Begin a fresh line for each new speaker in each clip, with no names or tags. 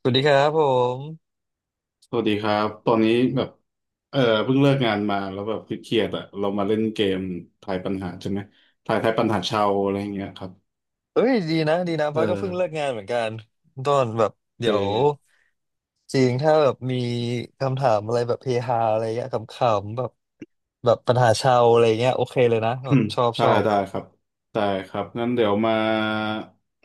สวัสดีครับผม
สวัสดีครับตอนนี้แบบเออเพิ่งเลิกงานมาแล้วแบบเครียดๆอะเรามาเล่นเกมทายปัญหาใช่ไหมทายทายปัญหาชาวอะไรอย่างเงี้ยครับ
เอ้ยดีนะดีนะ
เออ
ฟ้าก็เพิ่งเลิกงานเหมือนกันต้นแบบ
โอเค
เดี๋ยวจริงถ้าแบบมีคำถามอะไรแบบเฮฮาอะไรเงี้ยขำๆแบบแบบปัญหาชาวอะไรเงี้ยโอเคเลยนะแบ บช อบ
ได้
ชอบ
ได้ครับได้ครับงั้นเดี๋ยวมา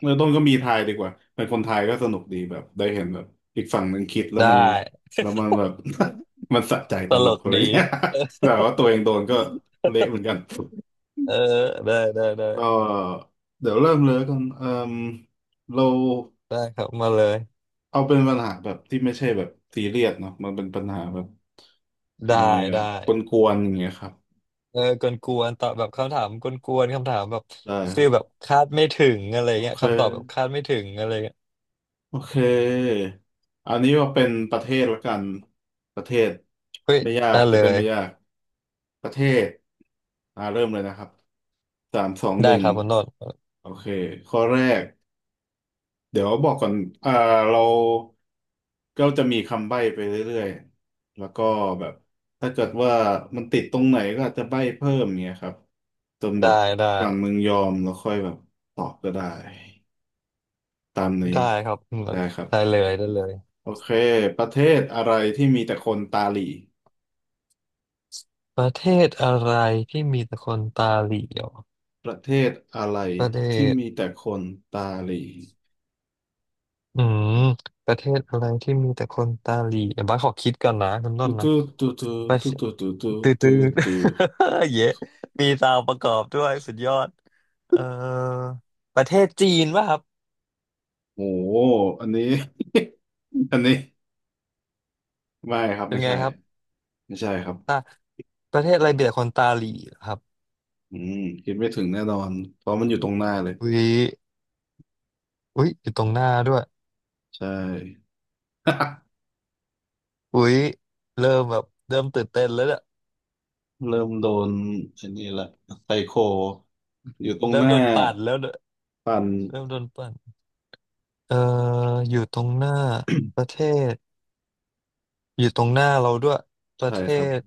เริ่มต้นก็มีทายดีกว่าเป็นคนไทยก็สนุกดีแบบได้เห็นแบบอีกฝั่งหนึ่งคิดแล้ว
ได้
มันแบบ มันสะใจ
ต
ตล
ล
ก
ก
อะไร
ดี
เงี้ย แบบว่าตัวเองโดนก็เละเหมือนกัน
เออได้ได้ได้
ก็เดี๋ยวเริ่มเลยแล้วกันมเรา
ได้ครับมาเลย
เอาเป็นปัญหาแบบที่ไม่ใช่แบบซีเรียสเนาะมันเป็นปัญหาแบบ
ได้
ยังไงอะ
ได้
กวนๆอย่างเงี้ยครับ
เออกวนๆตอบแบบคำถามกวนๆคำถามแบบ
ได้ค
ฟี
รับ
ลแบบคาดไม่ถึงอะไร
โอ
เงี้ย
เค
คำตอบแบบคาดไม่ถึงอะไรเงี้ย
โอเคอันนี้ว่าเป็นประเทศละกันประเทศ
เฮ้ย
ไม่ยาก
ได้
จะ
เล
ได้
ย
ไม่ยากประเทศอ่าเริ่มเลยนะครับสามสองห
ได้
นึ่
ค
ง
รับคุณต้น
โอเคข้อแรกเดี๋ยวบอกก่อนอ่าเรา ก็จะมีคำใบ้ไปเรื่อยๆแล้วก็แบบถ้าเกิดว่ามันติดตรงไหนก็อาจจะใบ้เพิ่มเงี้ยครับจนแบ
ได้
บ
ได้
ฝั่งมึงยอมแล้วค่อยแบบตอบก็ได้ตามนี้
ได้ครับอืม
ได้ครับ
ได้เลยได้เลย
โอเคประเทศอะไรที่มีแต่คนตาหลี
ประเทศอะไรที่มีแต่คนตาเหลี่ยว
ประเทศอะไร
ประเท
ที่มี
ศ
แต่คนตาหลี
อืมประเทศอะไรที่มีแต่คนตาเหลี่ยวบ้าสขอคิดก่อนนะคุณต้นนะ
ตูตูตู
ประเท
ตู
ศ
ตูตูตู
ตื้อ
ตู
ตื้
ตู
อ
ตู
เยะมีซาวประกอบด้วยสุดยอดเอ่อประเทศจีนป่ะครับ
โอ้โหอันนี้ อันนี้ไม่ครับ
เป็น
ไม่
ไง
ใช่
ครับ
ไม่ใช่ครับ
ตาประเทศอะไรมีแต่คนตาเหลี่ยวครับ
อืมคิดไม่ถึงแน่นอนเพราะมันอยู่ตรงหน้าเลย
อุ้ยอุ้ยอยู่ตรงหน้าด้วย
ใช่
อุ้ยเริ่มแบบเริ่มตื่นเต้นแล้วเนี่ย
เริ่มโดนไอันนี้ละไซโคอยู่ตรง
เริ่
ห
ม
น้า
โดนปั่นแล้วเนอะ
ปัน
เริ่มโดนปั่นเอ่ออยู่ตรงหน้าประเทศอยู่ตรงหน้าเราด้วยประ
ใช่
เท
ครับ
ศ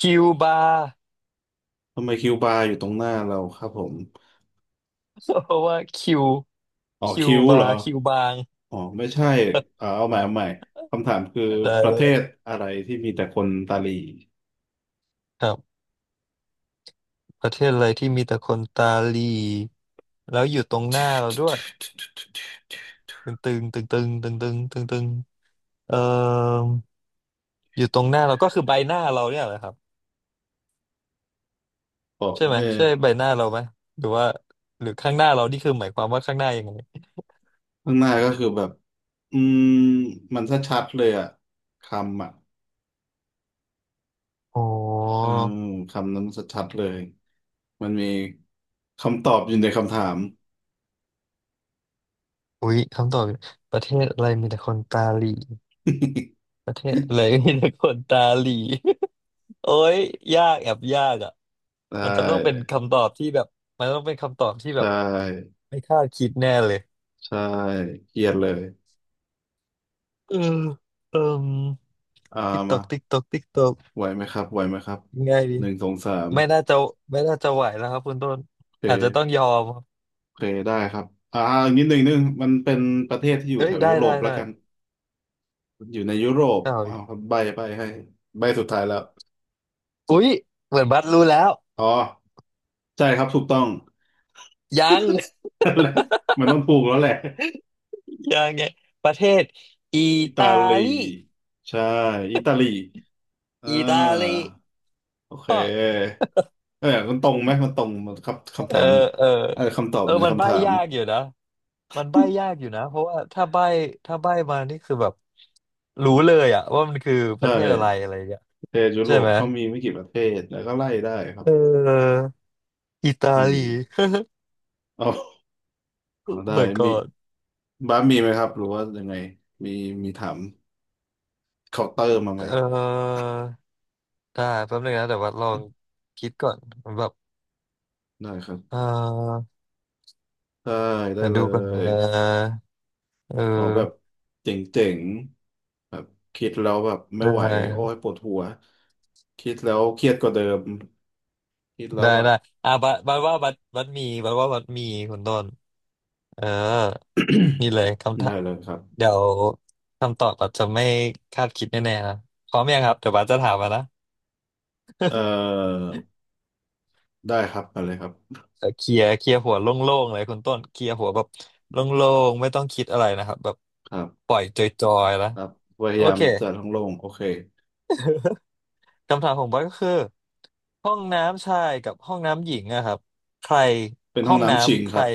คิวบา
ทำไมคิวบาร์อยู่ตรงหน้าเราครับผม
เพราะว่าคิว
อ๋อ
คิว
คิว
บา
เหรอ
คิวบาง
อ๋อไม่ใช่อ่าเอาใหม่คำถามคือ
ได้
ประ
เล
เท
ย
ศอะไรที่มีแต่คนตาหลี
ครับประเทศอะไรที่มีแต่คนตาหลีแล้วอยู่ตรงหน้าเราด้วยตึงตึงตึงตึงตึงตึงตึงตึงเอ่ออยู่ตรงหน้าเราก็คือใบหน้าเราเนี่ยแหละครับ
บอก
ใช่ไหม
แม่
ใช่ใบหน้าเราไหมหรือว่าหรือข้างหน้าเรานี่คือหมายความว่าข้างหน้ายังไง
ข้างหน้าก็คือแบบอืมมันชัดๆเลยอะคำอะ
อ๋อ
เออคำนั้นชัดๆเลย มันมีคำตอบอยู่ในคำถาม
อุ๊ยคำตอบประเทศอะไรมีแต่คนตาหลีประเทศอะไร มีแต่คนตาหลี โอ้ยยากแอบยากอ่ะ
ใช่
มันจะต้องเป็นคำตอบที่แบบมันต้องเป็นคำตอบที่แบ
ใช่
บไม่คาดคิดแน่เลย
ใช่เกลียดเลย
เออเอม
อ่า
ติ๊กตอ
มา
กติ๊กตอกติ๊กตอก
ไหวไหมครับไหวไหมครับ
ยังไงดี
หนึ่งสองสาม
ไม่น่าจะไม่น่าจะไหวแล้วครับคุณต้น
โอเค
อาจจะต้องยอมครับ
โอเคได้ครับอ่าอีกนิดหนึ่งนดนึงมันเป็นประเทศที่อยู่
เฮ้
แถ
ย
วยุ
ได้
โร
ได้
ปแล้ว
ได้
กันอยู่ในยุโรป
เอา
อ้าวครับใบให้ใบสุดท้ายแล้ว
อุ๊ยเหมือนบัสรู้แล้ว
อ๋อใช่ครับถูกต้อง
ยัง
แล้วมันต้องถูกแล้วแหละ
ยังไงประเทศอิ
อิตา
ตา
ลี
ลี
ใช่อิตาลี อ่
อิตาลี
าโอเคเออมันตรงไหมมันตรงมันคำคำ
เออ
ถาม
เออ
เออคำตอบ
เอ
อ
อ
ยู่ใน
มัน
คำ
ใบ้
ถาม
ยากอยู่นะมันใบ้ยากอยู่นะเพราะว่าถ้าใบ้ถ้าใบ้มานี่คือแบบรู้เลยอะว่ามันคือป
ใช่
ระเทศอะไรอะไรอย่างเงี้ย
ประเทศยุ
ใช่
โรป
ไหม
ก็มีไม่กี่ประเทศแล้วก็ไล่ได้ครั
เ
บ
อออิตา
อืม
ลี
เอาเอา
Oh
ได้
my
มี
god
บ้านมีไหมครับหรือว่ายังไงมีมีถามเคาน์เตอร์มาไหม
เออได้แป๊บนึงนะแต่ว่าลองคิดก่อนแบบ
ได้ครับ
เออ
ได้ได้
เดี๋ยว
เล
ดูก่อนน
ย
ะเอ
ขอแบบ
อ
เจ๋งๆแบบคิดแล้วแบบไม่
ได
ไหวโอ้ย
้
ปวดหัวคิดแล้วเครียดกว่าเดิมคิดแล้ว
ได้
แบบ
ได้อ่ะบัดบัดว่าบัดบัดมีบัดว่าบัดมีคุณต้นเออนี่ เลยคำถา
ได้
ม
เลยครับ
เดี๋ยวคำตอบอาจจะไม่คาดคิดแน่ๆนะพร้อมยังครับเดี๋ยวบาสจะถามมานะ
เอ่อได้ครับมาเลยครับ
เออเคลียร์เคลียร์หัวโล่งๆเลยคุณต้นเคลียร์หัวแบบโล่งๆไม่ต้องคิดอะไรนะครับแบบ
ครับ
ปล่อยจอยๆแล้ว
ครับพยา
โอ
ยาม
เค
จะท้องโล่งโอเค
คำถามของบอยก็คือห้องน้ำชายกับห้องน้ำหญิงอะครับใคร
เป็นห้
ห้
อ
อ
ง
ง
น้ำชิง
น้ำใค
ค
ร
รับ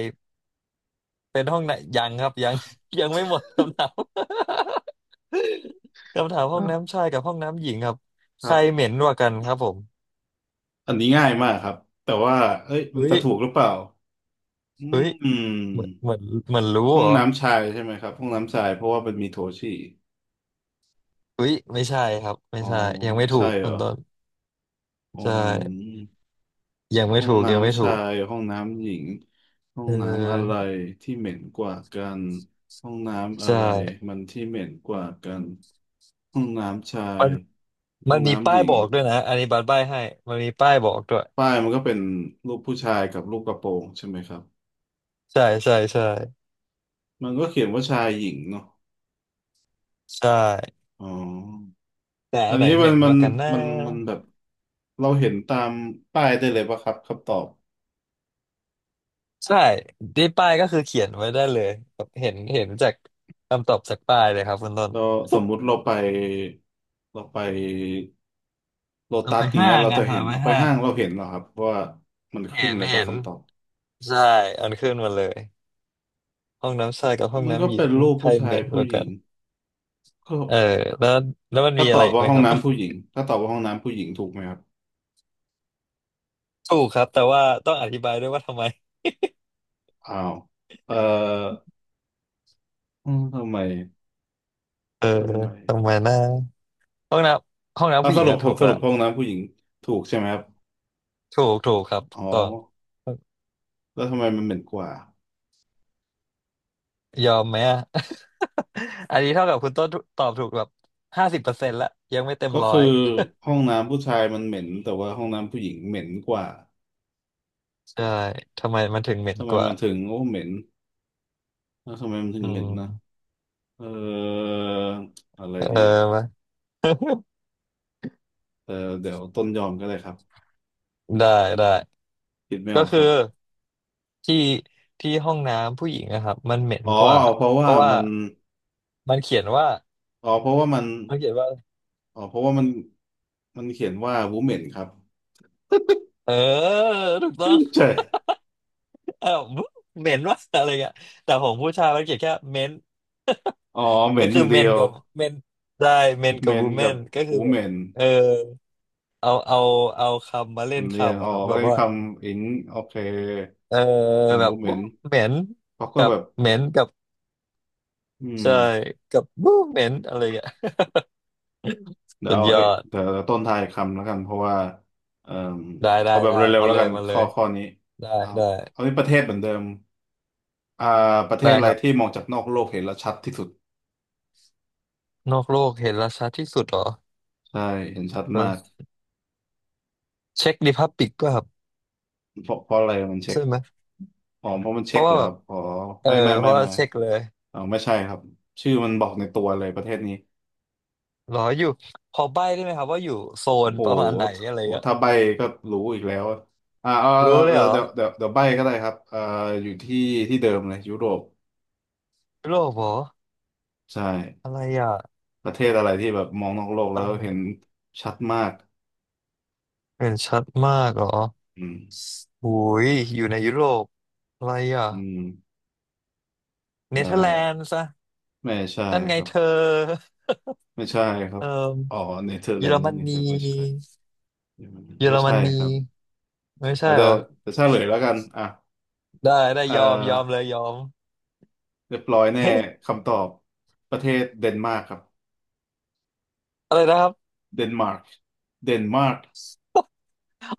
เป็นห้องไหนยังครับยัง ยังไม่หมดคำถาม คำถามห้อง
อ่ะ
น้ำชายกับห้องน้ำหญิงครับ
ค
ใค
รั
ร
บ
เหม็นกว่ากันครับผม
อันนี้ง่ายมากครับแต่ว่าเอ้ยมัน
อุ้ย
จะถูกหรือเปล่าอื
อุ้ย เหมือนเห
ม
มือนเหมือนรู้
ห้อ
เห
ง
รอ
น้ำชายใช่ไหมครับ ห้องน้ำชายเพราะว่ามันมีโถฉี่
อุ๊ยไม่ใช่ครับไม่
อ๋อ
ใช่ยังไม่
ไม่
ถู
ใช่
ก
เหร
คุ
อ
ณต้น
อ๋
ใช่
อ
ยังไม่
ห้อง
ถูกยังไม่
น้ำ
ถู
ชา
ก
ยห้องน้ำหญิงห้อ
เ
งน้ำอะไร
ออ
ที่เหม็นกว่ากันห้องน้ำอะ
ใช่
ไรมันที่เหม็นกว่ากันห้องน้ำชา
มั
ย
น
ห้
มั
อ
น
ง
มี
น้ำห
ป้าย
ญิ
บ
ง
อกด้วยนะอันนี้บัตรใบ้ให้มันมีป้ายบอกด้วย
ป้ายมันก็เป็นรูปผู้ชายกับรูปกระโปรงใช่ไหมครับ
ใช่ใช่ใช่
มันก็เขียนว่าชายหญิงเนาะ
ใช่
อ๋อ
แต่
อั
อัน
น
ไหน
นี้
เหม็นกว่ากันนะ
มันมันแบบเราเห็นตามป้ายได้เลยปะครับคำตอบ
ใช่ที่ป้ายก็คือเขียนไว้ได้เลยแบบเห็นเห็นจากคำตอบจากป้ายเลยครับคุณต้น
เราสมมุติเราไป โล
เรา
ตั
ไป
สอย่าง
ห้า
เงี้ย
ง
เรา
ไง
จะเห็น
เราไป
เราไป
ห้าง
ห้างเราเห็นเหรอครับว่ามันขึ้
เห็
น
น
อะไร
เห็
ปะ
น
คำตอบ
ใช่ อันขึ้นมาเลย ห้องน้ำชายกับห้อง
มันก็
น้ำหญิ
เป็
ง
นรูป
ใคร
ผู้
เห
ชาย
ม็นก
ผู้
ว่า
ห
กั
ญิง
น
ก็
เออแล้วแล้วมัน
ถ้า
มี
ต
อะ
อ
ไร
บ
อีก
ว่า
ไหม
ห้อ
ค
ง
รับ
น้ำผู้หญิงถ้าตอบว่าห้องน้ำผู้หญิงถูกไหมครับ
ถูกครับแต่ว่าต้องอธิบายด้วยว่าทำไม
อ้าวเอ่ออืมทำไม
เออ
ทำไม
ทำไมนะห้องน้ำห้องน้ำ
อ่ะ
ผู้ห
ส
ญิง
รุป
อะถูก
ส
ละ
รุปห้องน้ำผู้หญิงถูกใช่ไหมครับ
ถูกถูกครับ
อ๋อ
ต้อง
แล้วทำไมมันเหม็นกว่า
ยอมไหมอะ อันนี้เท่ากับคุณต้นตอบถูกแบบ50%ละยังไม่เต็ม
ก็
ร้อ
คือ
ย
ห้องน้ำผู้ชายมันเหม็นแต่ว่าห้องน้ำผู้หญิงเหม็นกว่า
ใช่ทำไมมันถึงเหม็น
ทำไม
กว่า
มันถึงโอ้เหม็นแล้วทำไมมันถึง
อื
เหม็นนะ
ม
เอออะไร
เออ
ดีอะ
มา
เออเดี๋ยวต้นยอมก็ได้ครับ
ได้ได้
คิดไม่
ก็
ออกค
คือ
รับ
ที่ที่ห้องน้ำผู้หญิงนะครับมันเหม็น
อ๋อ
กว่า
เพราะ
เพ
ว่า
ราะว่า
มัน
มันเขียนว่า
อ๋อเพราะว่ามัน
มันเขียนว่า
อ๋อเพราะว่ามันมันเขียนว่าวูเมนครับ
เออถูกต้อง
ใช่
เออเหมนว่าอะไรเงี้ยแต่ผมผู้ชายมันเขียนแค่เมน
อ๋อเห ม็
ก็
นห
คือ
นึ่างเดี
เม
ย
น
ว
กับเมนได้เมน
เม
กับวู
น
แม
กับ
นก็คือ
วู
แบ
เม
บ
น
เออเอาเอาเอาคำมาเล่น
สำเนียง
คำ
อ๋
อะ
อ
ครับแบ
ก็
บ
ได้
ว่า
คำอิงโอเค
เออ
เป็น
แบบ
วูเม
วู้
น
เหม็น
เขาก็
กับ
แบบ
เหม็นกับ
อืม
ใช่กับวูเหม็นอะไรเงี้ย
เดี๋ย
สุ
ว
ด
เอา
ยอ
เอ๊ะเดี๋
ด
ยวต้นทายคำแล้วกันเพราะว่าเอ่อ
ได้ได้
เอาแบบ
ได้
เร็วๆ
มา
แล้ว
เล
กั
ย
น
มาเล
ข้อ
ย
ข้อนี้
ได้
เอา
ได้
เอาที่ประเทศเหมือนเดิมอ่าประเทศ
ได้
อะไร
ครับ
ที่มองจากนอกโลกเห็นแล้วชัดที่สุด
นอกโลกเห็นราชาที่สุดเหรอ
ใช่เห็นชัดมาก
เช็คดิพับปิกก็ครับ
เพราะอะไรมันเช็ค
ใช่ไหม
อ๋อเพราะมัน
เพ
เช็ค
ราะ
เห
ว่า
รอ
แบ
ครั
บ
บอ๋อ
เออ
ไม่ไม่
เพ
ไม่
ราะว่า
ไม่
เช็คเลย
อ๋อไม่ใช่ครับชื่อมันบอกในตัวเลยประเทศนี้
เหรออยู่พอใบ้ได้ไหมครับว่าอยู่โซ
โอ้
น
โห
ประมาณไหนอะไร
โอ้โห
เงี้ย
ถ้าใบ้ก็รู้อีกแล้วอะอ่าเอา
รู้เลยเหร
เอา
อ
เดี๋ยวใบ้ก็ได้ครับอ่าอยู่ที่ที่เดิมเลยยุโรป
ยุโรปเหรอ
ใช่
อะไรอ่ะ
ประเทศอะไรที่แบบมองนอกโลกแล้
อะ
ว
ไร
เห็น
อะ
ชัดมาก
เห็นชัดมากเหรอ
อืม
หุยอยู่ในยุโรปอะไรอ่ะ
อืม
เน
ได้
เธอร์แลนด์ซะ
ไม่ใช่
นั่นไง
ครับ
เธอ
ไม่ใช่ครั
เอ
บ
อ
อ๋อเนเธอร์
เย
แล
อ
น
ร
ด์
ม
นั่นเอ
นี
งไม่ใช่
เยอ
ไม่
รม
ใช่ค
นี
รับ
ไม่ใช่
เรา
เห
จะ
รอ
จะเฉลยแล้วกันอ่ะ
ได้ได้
เอ่อ
ยอมยอมเลยยอม
เรียบร้อยแน่คำตอบประเทศเดนมาร์กครับ
อะไรนะครับ
เดนมาร์กเดนมาร์ก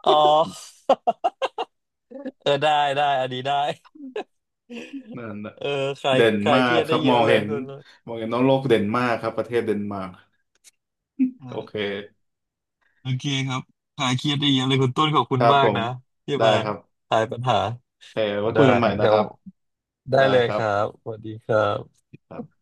อ๋อ เออได้ได้อันนี้ได้
นั่นน่ะ
เออคลา
เด
ย
น
คลาย
มา
เค
ร์
รี
ก
ยด
ครั
ได้
บ
เย
มอ
อะ
ง
เล
เห็
ย
น
คุณ
มองเห็นน้องโลกเดนมาร์กครับประเทศเดนมาร์กโอเค
โอเคครับหายเครียดได้เยอะเลยคุณต้นขอบคุ
ค
ณ
รับ
มา
ผ
ก
ม
นะที่
ได้
มา
ครับ
คลายปัญหา
โอเคไว้คุ
ได้
ยกันใหม่นะ
เดี๋
ค
ยว
รับ
ได้
ได้
เลย
ครั
ค
บ
รับ สวัสดีครับ
ครับ